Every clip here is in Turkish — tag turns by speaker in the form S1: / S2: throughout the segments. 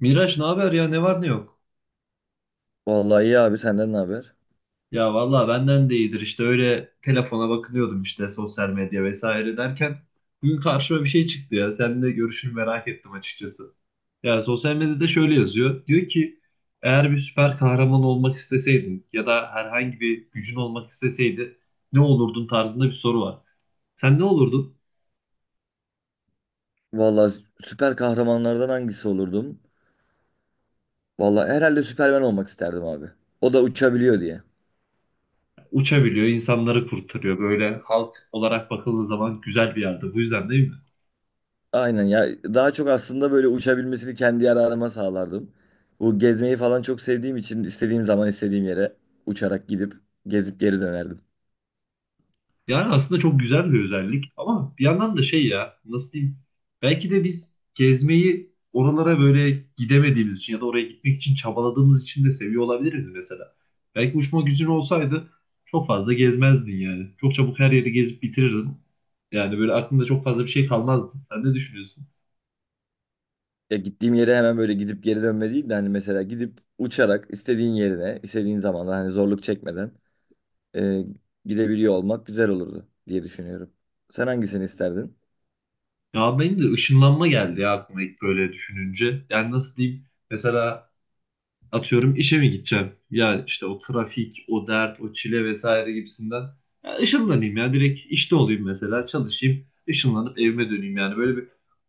S1: Miraç, ne haber ya, ne var ne yok?
S2: Vallahi iyi abi, senden ne haber?
S1: Ya vallahi benden de iyidir işte, öyle telefona bakınıyordum, işte sosyal medya vesaire derken bugün karşıma bir şey çıktı ya, seninle görüşünü merak ettim açıkçası. Ya sosyal medyada şöyle yazıyor, diyor ki: eğer bir süper kahraman olmak isteseydin ya da herhangi bir gücün olmak isteseydi ne olurdun tarzında bir soru var. Sen ne olurdun?
S2: Vallahi süper kahramanlardan hangisi olurdum? Vallahi herhalde Süperman olmak isterdim abi. O da uçabiliyor diye.
S1: Uçabiliyor, insanları kurtarıyor. Böyle halk olarak bakıldığı zaman güzel bir yerde. Bu yüzden değil mi?
S2: Aynen ya, daha çok aslında böyle uçabilmesini kendi yararıma sağlardım. Bu gezmeyi falan çok sevdiğim için istediğim zaman istediğim yere uçarak gidip gezip geri dönerdim.
S1: Yani aslında çok güzel bir özellik, ama bir yandan da şey, ya nasıl diyeyim, belki de biz gezmeyi, oralara böyle gidemediğimiz için ya da oraya gitmek için çabaladığımız için de seviyor olabiliriz mesela. Belki uçma gücün olsaydı çok fazla gezmezdin yani. Çok çabuk her yeri gezip bitirirdin. Yani böyle aklında çok fazla bir şey kalmazdı. Sen ne düşünüyorsun?
S2: Ya gittiğim yere hemen böyle gidip geri dönme değil de hani mesela gidip uçarak istediğin yerine istediğin zamanda hani zorluk çekmeden e, gidebiliyor olmak güzel olurdu diye düşünüyorum. Sen hangisini isterdin?
S1: Ya benim de ışınlanma geldi ya aklıma ilk böyle düşününce. Yani nasıl diyeyim, mesela Atıyorum, işe mi gideceğim? Ya işte o trafik, o dert, o çile vesaire gibisinden. Ya ışınlanayım, ya direkt işte olayım, mesela çalışayım, ışınlanıp evime döneyim, yani böyle bir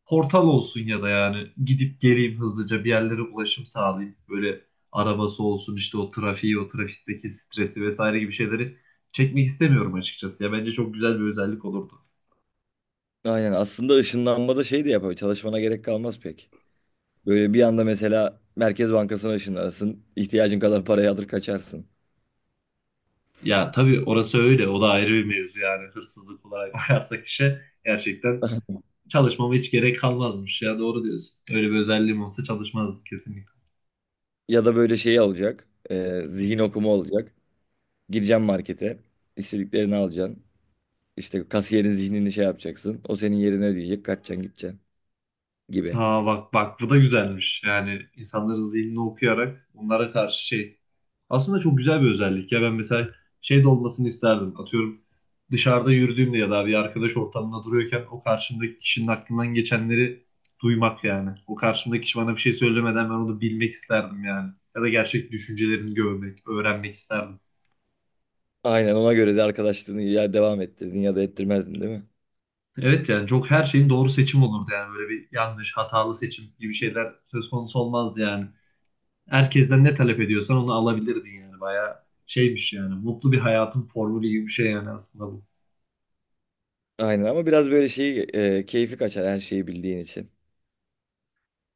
S1: portal olsun ya da yani gidip geleyim, hızlıca bir yerlere ulaşım sağlayayım. Böyle arabası olsun, işte o trafiği, o trafikteki stresi vesaire gibi şeyleri çekmek istemiyorum açıkçası. Ya bence çok güzel bir özellik olurdu.
S2: Aynen, aslında ışınlanmada şey de yapabilir. Çalışmana gerek kalmaz pek. Böyle bir anda mesela Merkez Bankası'na ışınlanırsın. İhtiyacın kadar parayı alır kaçarsın.
S1: Ya tabii orası öyle, o da ayrı bir mevzu, yani hırsızlık olarak bakarsak işe gerçekten. Çalışmama hiç gerek kalmazmış ya, doğru diyorsun. Öyle bir özelliğim olsa çalışmazdık kesinlikle.
S2: Ya da böyle şeyi alacak. Zihin okuma olacak. Gireceksin markete. İstediklerini alacaksın. İşte kasiyerin zihnini şey yapacaksın. O senin yerine ödeyecek. Kaçacaksın, gideceksin gibi.
S1: Ha, bak bak, bu da güzelmiş. Yani insanların zihnini okuyarak onlara karşı şey. Aslında çok güzel bir özellik ya, ben mesela şey de olmasını isterdim. Atıyorum, dışarıda yürüdüğümde ya da bir arkadaş ortamında duruyorken o karşımdaki kişinin aklından geçenleri duymak yani. O karşımdaki kişi bana bir şey söylemeden ben onu bilmek isterdim yani. Ya da gerçek düşüncelerini görmek, öğrenmek isterdim.
S2: Aynen, ona göre de arkadaşlığını ya devam ettirdin ya da ettirmezdin, değil mi?
S1: Evet, yani çok her şeyin doğru seçim olurdu yani, böyle bir yanlış, hatalı seçim gibi şeyler söz konusu olmazdı yani. Herkesten ne talep ediyorsan onu alabilirdin yani, bayağı şeymiş yani, mutlu bir hayatın formülü gibi bir şey yani aslında bu.
S2: Aynen ama biraz böyle şeyi keyfi kaçar her şeyi bildiğin için.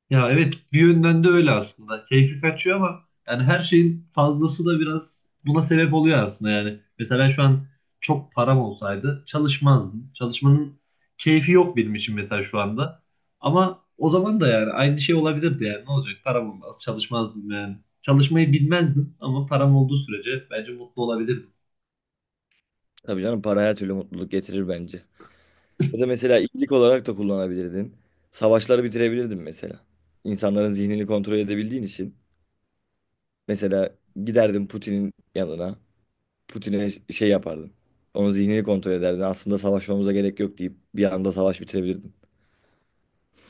S1: Ya evet, bir yönden de öyle aslında. Keyfi kaçıyor ama yani her şeyin fazlası da biraz buna sebep oluyor aslında yani. Mesela ben şu an çok param olsaydı çalışmazdım. Çalışmanın keyfi yok benim için mesela şu anda. Ama o zaman da yani aynı şey olabilirdi yani, ne olacak, param olmaz çalışmazdım yani. Çalışmayı bilmezdim, ama param olduğu sürece bence mutlu olabilirdim.
S2: Tabii canım, para her türlü mutluluk getirir bence. Ya da mesela iyilik olarak da kullanabilirdin. Savaşları bitirebilirdin mesela. İnsanların zihnini kontrol edebildiğin için. Mesela giderdin Putin'in yanına. Putin'e şey yapardın. Onun zihnini kontrol ederdin. Aslında savaşmamıza gerek yok deyip bir anda savaş bitirebilirdin.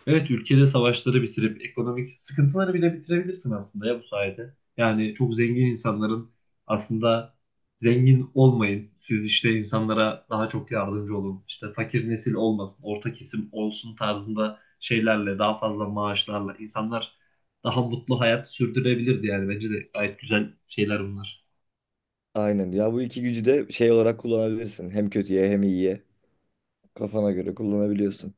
S1: Evet, ülkede savaşları bitirip ekonomik sıkıntıları bile bitirebilirsin aslında ya bu sayede. Yani çok zengin insanların aslında zengin olmayın. Siz işte insanlara daha çok yardımcı olun. İşte fakir nesil olmasın, orta kesim olsun tarzında şeylerle, daha fazla maaşlarla insanlar daha mutlu hayat sürdürebilirdi yani, bence de gayet güzel şeyler bunlar.
S2: Aynen. Ya bu iki gücü de şey olarak kullanabilirsin. Hem kötüye hem iyiye. Kafana göre kullanabiliyorsun.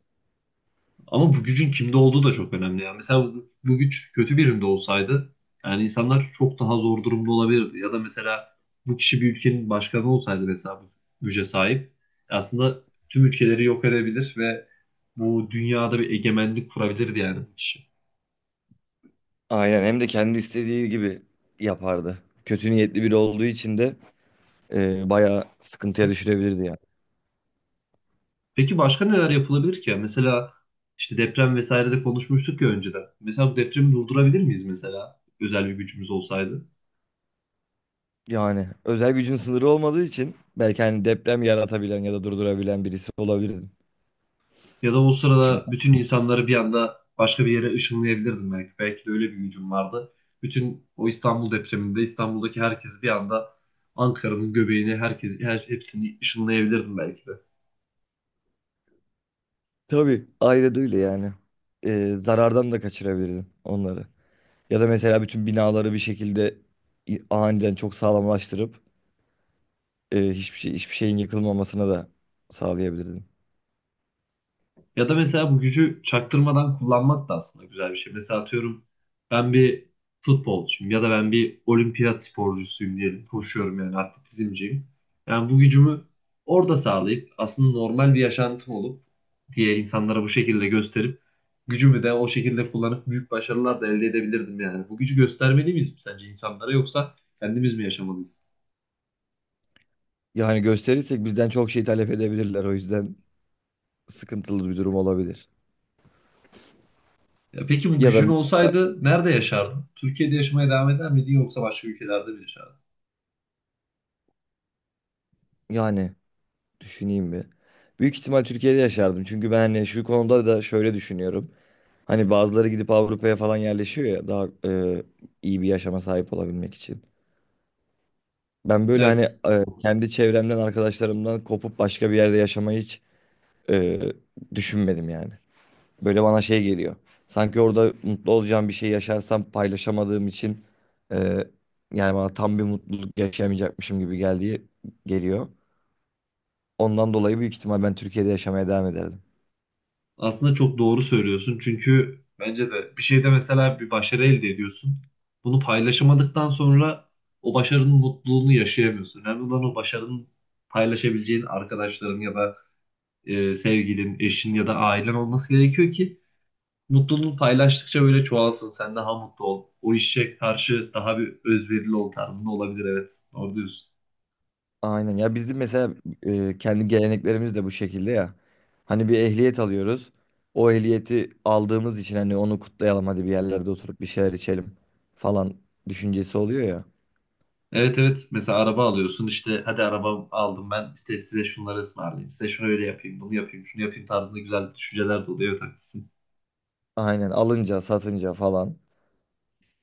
S1: Ama bu gücün kimde olduğu da çok önemli. Yani mesela bu güç kötü birinde olsaydı yani insanlar çok daha zor durumda olabilirdi. Ya da mesela bu kişi bir ülkenin başkanı olsaydı, mesela bu güce sahip, aslında tüm ülkeleri yok edebilir ve bu dünyada bir egemenlik kurabilirdi yani bu kişi.
S2: Aynen. Hem de kendi istediği gibi yapardı. Kötü niyetli biri olduğu için de bayağı sıkıntıya düşürebilirdi yani.
S1: Peki başka neler yapılabilir ki? Yani mesela işte deprem vesaire de konuşmuştuk ya önceden. Mesela bu depremi durdurabilir miyiz, mesela özel bir gücümüz olsaydı?
S2: Yani özel gücün sınırı olmadığı için belki hani deprem yaratabilen ya da durdurabilen birisi olabilirdin.
S1: Ya da o
S2: Çünkü
S1: sırada bütün insanları bir anda başka bir yere ışınlayabilirdim belki. Belki de öyle bir gücüm vardı. Bütün o İstanbul depreminde İstanbul'daki herkes bir anda Ankara'nın göbeğini, herkes, her hepsini ışınlayabilirdim belki de.
S2: tabii ayrı değil yani. Zarardan da kaçırabilirdin onları. Ya da mesela bütün binaları bir şekilde aniden çok sağlamlaştırıp hiçbir şey hiçbir şeyin yıkılmamasına da sağlayabilirdin.
S1: Ya da mesela bu gücü çaktırmadan kullanmak da aslında güzel bir şey. Mesela atıyorum, ben bir futbolcuyum ya da ben bir olimpiyat sporcusuyum diyelim. Koşuyorum yani, atletizmciyim. Yani bu gücümü orada sağlayıp, aslında normal bir yaşantım olup diye insanlara bu şekilde gösterip, gücümü de o şekilde kullanıp büyük başarılar da elde edebilirdim yani. Bu gücü göstermeli miyiz sence insanlara, yoksa kendimiz mi yaşamalıyız?
S2: Yani gösterirsek bizden çok şey talep edebilirler. O yüzden sıkıntılı bir durum olabilir.
S1: Ya peki bu
S2: Ya da
S1: gücün
S2: mesela,
S1: olsaydı nerede yaşardın? Türkiye'de yaşamaya devam eder miydin, yoksa başka ülkelerde mi yaşardın?
S2: yani, düşüneyim bir. Büyük ihtimal Türkiye'de yaşardım. Çünkü ben hani şu konuda da şöyle düşünüyorum. Hani bazıları gidip Avrupa'ya falan yerleşiyor ya daha iyi bir yaşama sahip olabilmek için. Ben böyle hani
S1: Evet.
S2: kendi çevremden, arkadaşlarımdan kopup başka bir yerde yaşamayı hiç e, düşünmedim yani. Böyle bana şey geliyor. Sanki orada mutlu olacağım bir şey yaşarsam paylaşamadığım için e, yani bana tam bir mutluluk yaşayamayacakmışım gibi geliyor. Ondan dolayı büyük ihtimal ben Türkiye'de yaşamaya devam ederdim.
S1: Aslında çok doğru söylüyorsun. Çünkü bence de bir şeyde, mesela bir başarı elde ediyorsun. Bunu paylaşamadıktan sonra o başarının mutluluğunu yaşayamıyorsun. Önemli olan o başarının paylaşabileceğin arkadaşların ya da sevgilin, eşin ya da ailen olması gerekiyor ki mutluluğunu paylaştıkça böyle çoğalsın. Sen daha mutlu ol. O işe karşı daha bir özverili ol tarzında olabilir. Evet, doğru diyorsun.
S2: Aynen ya, bizim mesela kendi geleneklerimiz de bu şekilde ya. Hani bir ehliyet alıyoruz. O ehliyeti aldığımız için hani onu kutlayalım, hadi bir yerlerde oturup bir şeyler içelim falan düşüncesi oluyor ya.
S1: Evet, evet, mesela araba alıyorsun, işte hadi araba aldım ben, işte size şunları ısmarlayayım, size şunu öyle yapayım, bunu yapayım, şunu yapayım tarzında güzel düşünceler de oluyor, evet haklısın.
S2: Aynen, alınca, satınca falan.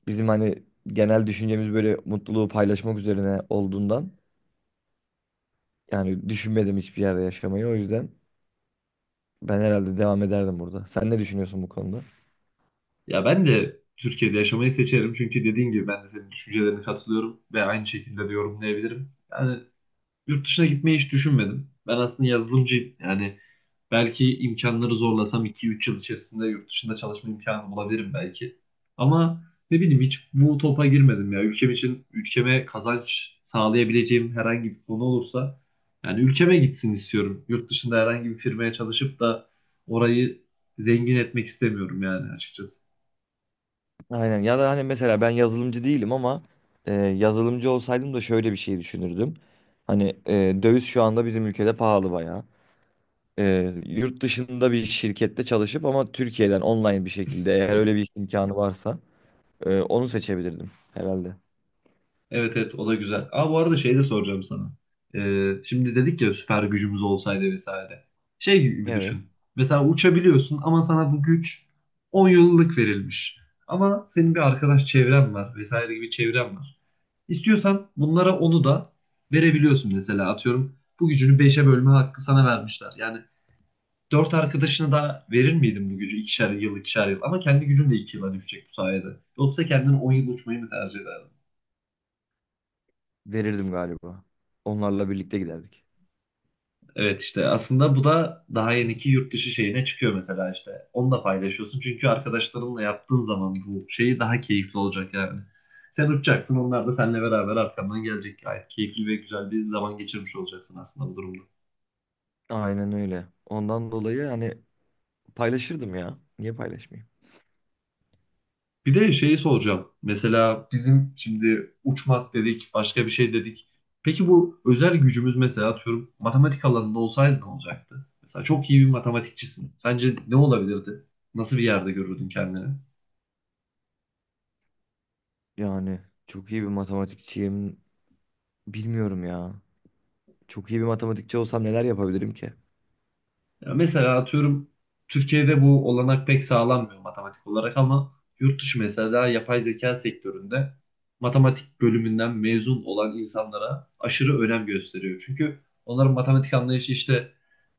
S2: Bizim hani genel düşüncemiz böyle mutluluğu paylaşmak üzerine olduğundan yani düşünmedim hiçbir yerde yaşamayı. O yüzden ben herhalde devam ederdim burada. Sen ne düşünüyorsun bu konuda?
S1: Ya ben de Türkiye'de yaşamayı seçerim, çünkü dediğin gibi ben de senin düşüncelerine katılıyorum ve aynı şekilde de yorumlayabilirim. Yani yurt dışına gitmeyi hiç düşünmedim. Ben aslında yazılımcıyım. Yani belki imkanları zorlasam 2-3 yıl içerisinde yurt dışında çalışma imkanı bulabilirim belki. Ama ne bileyim, hiç bu topa girmedim ya. Ülkem için, ülkeme kazanç sağlayabileceğim herhangi bir konu olursa yani, ülkeme gitsin istiyorum. Yurt dışında herhangi bir firmaya çalışıp da orayı zengin etmek istemiyorum yani açıkçası.
S2: Aynen. Ya da hani mesela ben yazılımcı değilim ama yazılımcı olsaydım da şöyle bir şey düşünürdüm. Hani döviz şu anda bizim ülkede pahalı bayağı. E, Yurt dışında bir şirkette çalışıp ama Türkiye'den online bir şekilde eğer öyle bir imkanı varsa onu seçebilirdim herhalde.
S1: Evet evet, o da güzel. Aa, bu arada şey de soracağım sana. Şimdi dedik ya, süper gücümüz olsaydı vesaire. Şey gibi
S2: Evet,
S1: düşün. Mesela uçabiliyorsun, ama sana bu güç 10 yıllık verilmiş. Ama senin bir arkadaş çevren var vesaire gibi, çevren var. İstiyorsan bunlara onu da verebiliyorsun, mesela atıyorum. Bu gücünü beşe bölme hakkı sana vermişler. Yani 4 arkadaşına da verir miydin bu gücü, ikişer yıl ikişer yıl? Ama kendi gücün de 2 yıla düşecek bu sayede. Yoksa kendin 10 yıl uçmayı mı tercih ederdin?
S2: verirdim galiba. Onlarla birlikte giderdik.
S1: Evet, işte aslında bu da daha yeniki yurt dışı şeyine çıkıyor mesela işte. Onu da paylaşıyorsun, çünkü arkadaşlarınla yaptığın zaman bu şeyi daha keyifli olacak yani. Sen uçacaksın, onlar da seninle beraber arkandan gelecek. Gayet keyifli ve güzel bir zaman geçirmiş olacaksın aslında bu durumda.
S2: Aynen öyle. Ondan dolayı hani paylaşırdım ya. Niye paylaşmayayım?
S1: Bir de şeyi soracağım. Mesela bizim şimdi uçmak dedik, başka bir şey dedik. Peki bu özel gücümüz mesela atıyorum matematik alanında olsaydı ne olacaktı? Mesela çok iyi bir matematikçisin. Sence ne olabilirdi? Nasıl bir yerde görürdün kendini?
S2: Yani çok iyi bir matematikçiyim. Bilmiyorum ya. Çok iyi bir matematikçi olsam neler yapabilirim ki?
S1: Ya mesela atıyorum, Türkiye'de bu olanak pek sağlanmıyor matematik olarak, ama yurt dışı mesela yapay zeka sektöründe matematik bölümünden mezun olan insanlara aşırı önem gösteriyor. Çünkü onların matematik anlayışı işte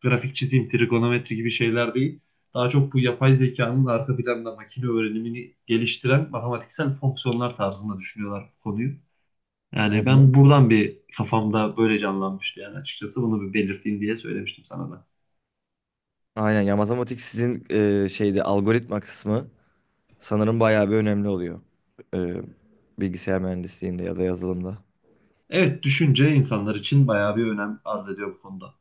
S1: grafik çizim, trigonometri gibi şeyler değil. Daha çok bu yapay zekanın arka planda makine öğrenimini geliştiren matematiksel fonksiyonlar tarzında düşünüyorlar bu konuyu.
S2: Hı
S1: Yani ben
S2: hı.
S1: buradan bir kafamda böyle canlanmıştı yani açıkçası, bunu bir belirteyim diye söylemiştim sana da.
S2: Aynen ya, matematik sizin şeyde algoritma kısmı sanırım bayağı bir önemli oluyor. E, Bilgisayar mühendisliğinde ya da yazılımda.
S1: Evet, düşünce insanlar için bayağı bir önem arz ediyor bu konuda.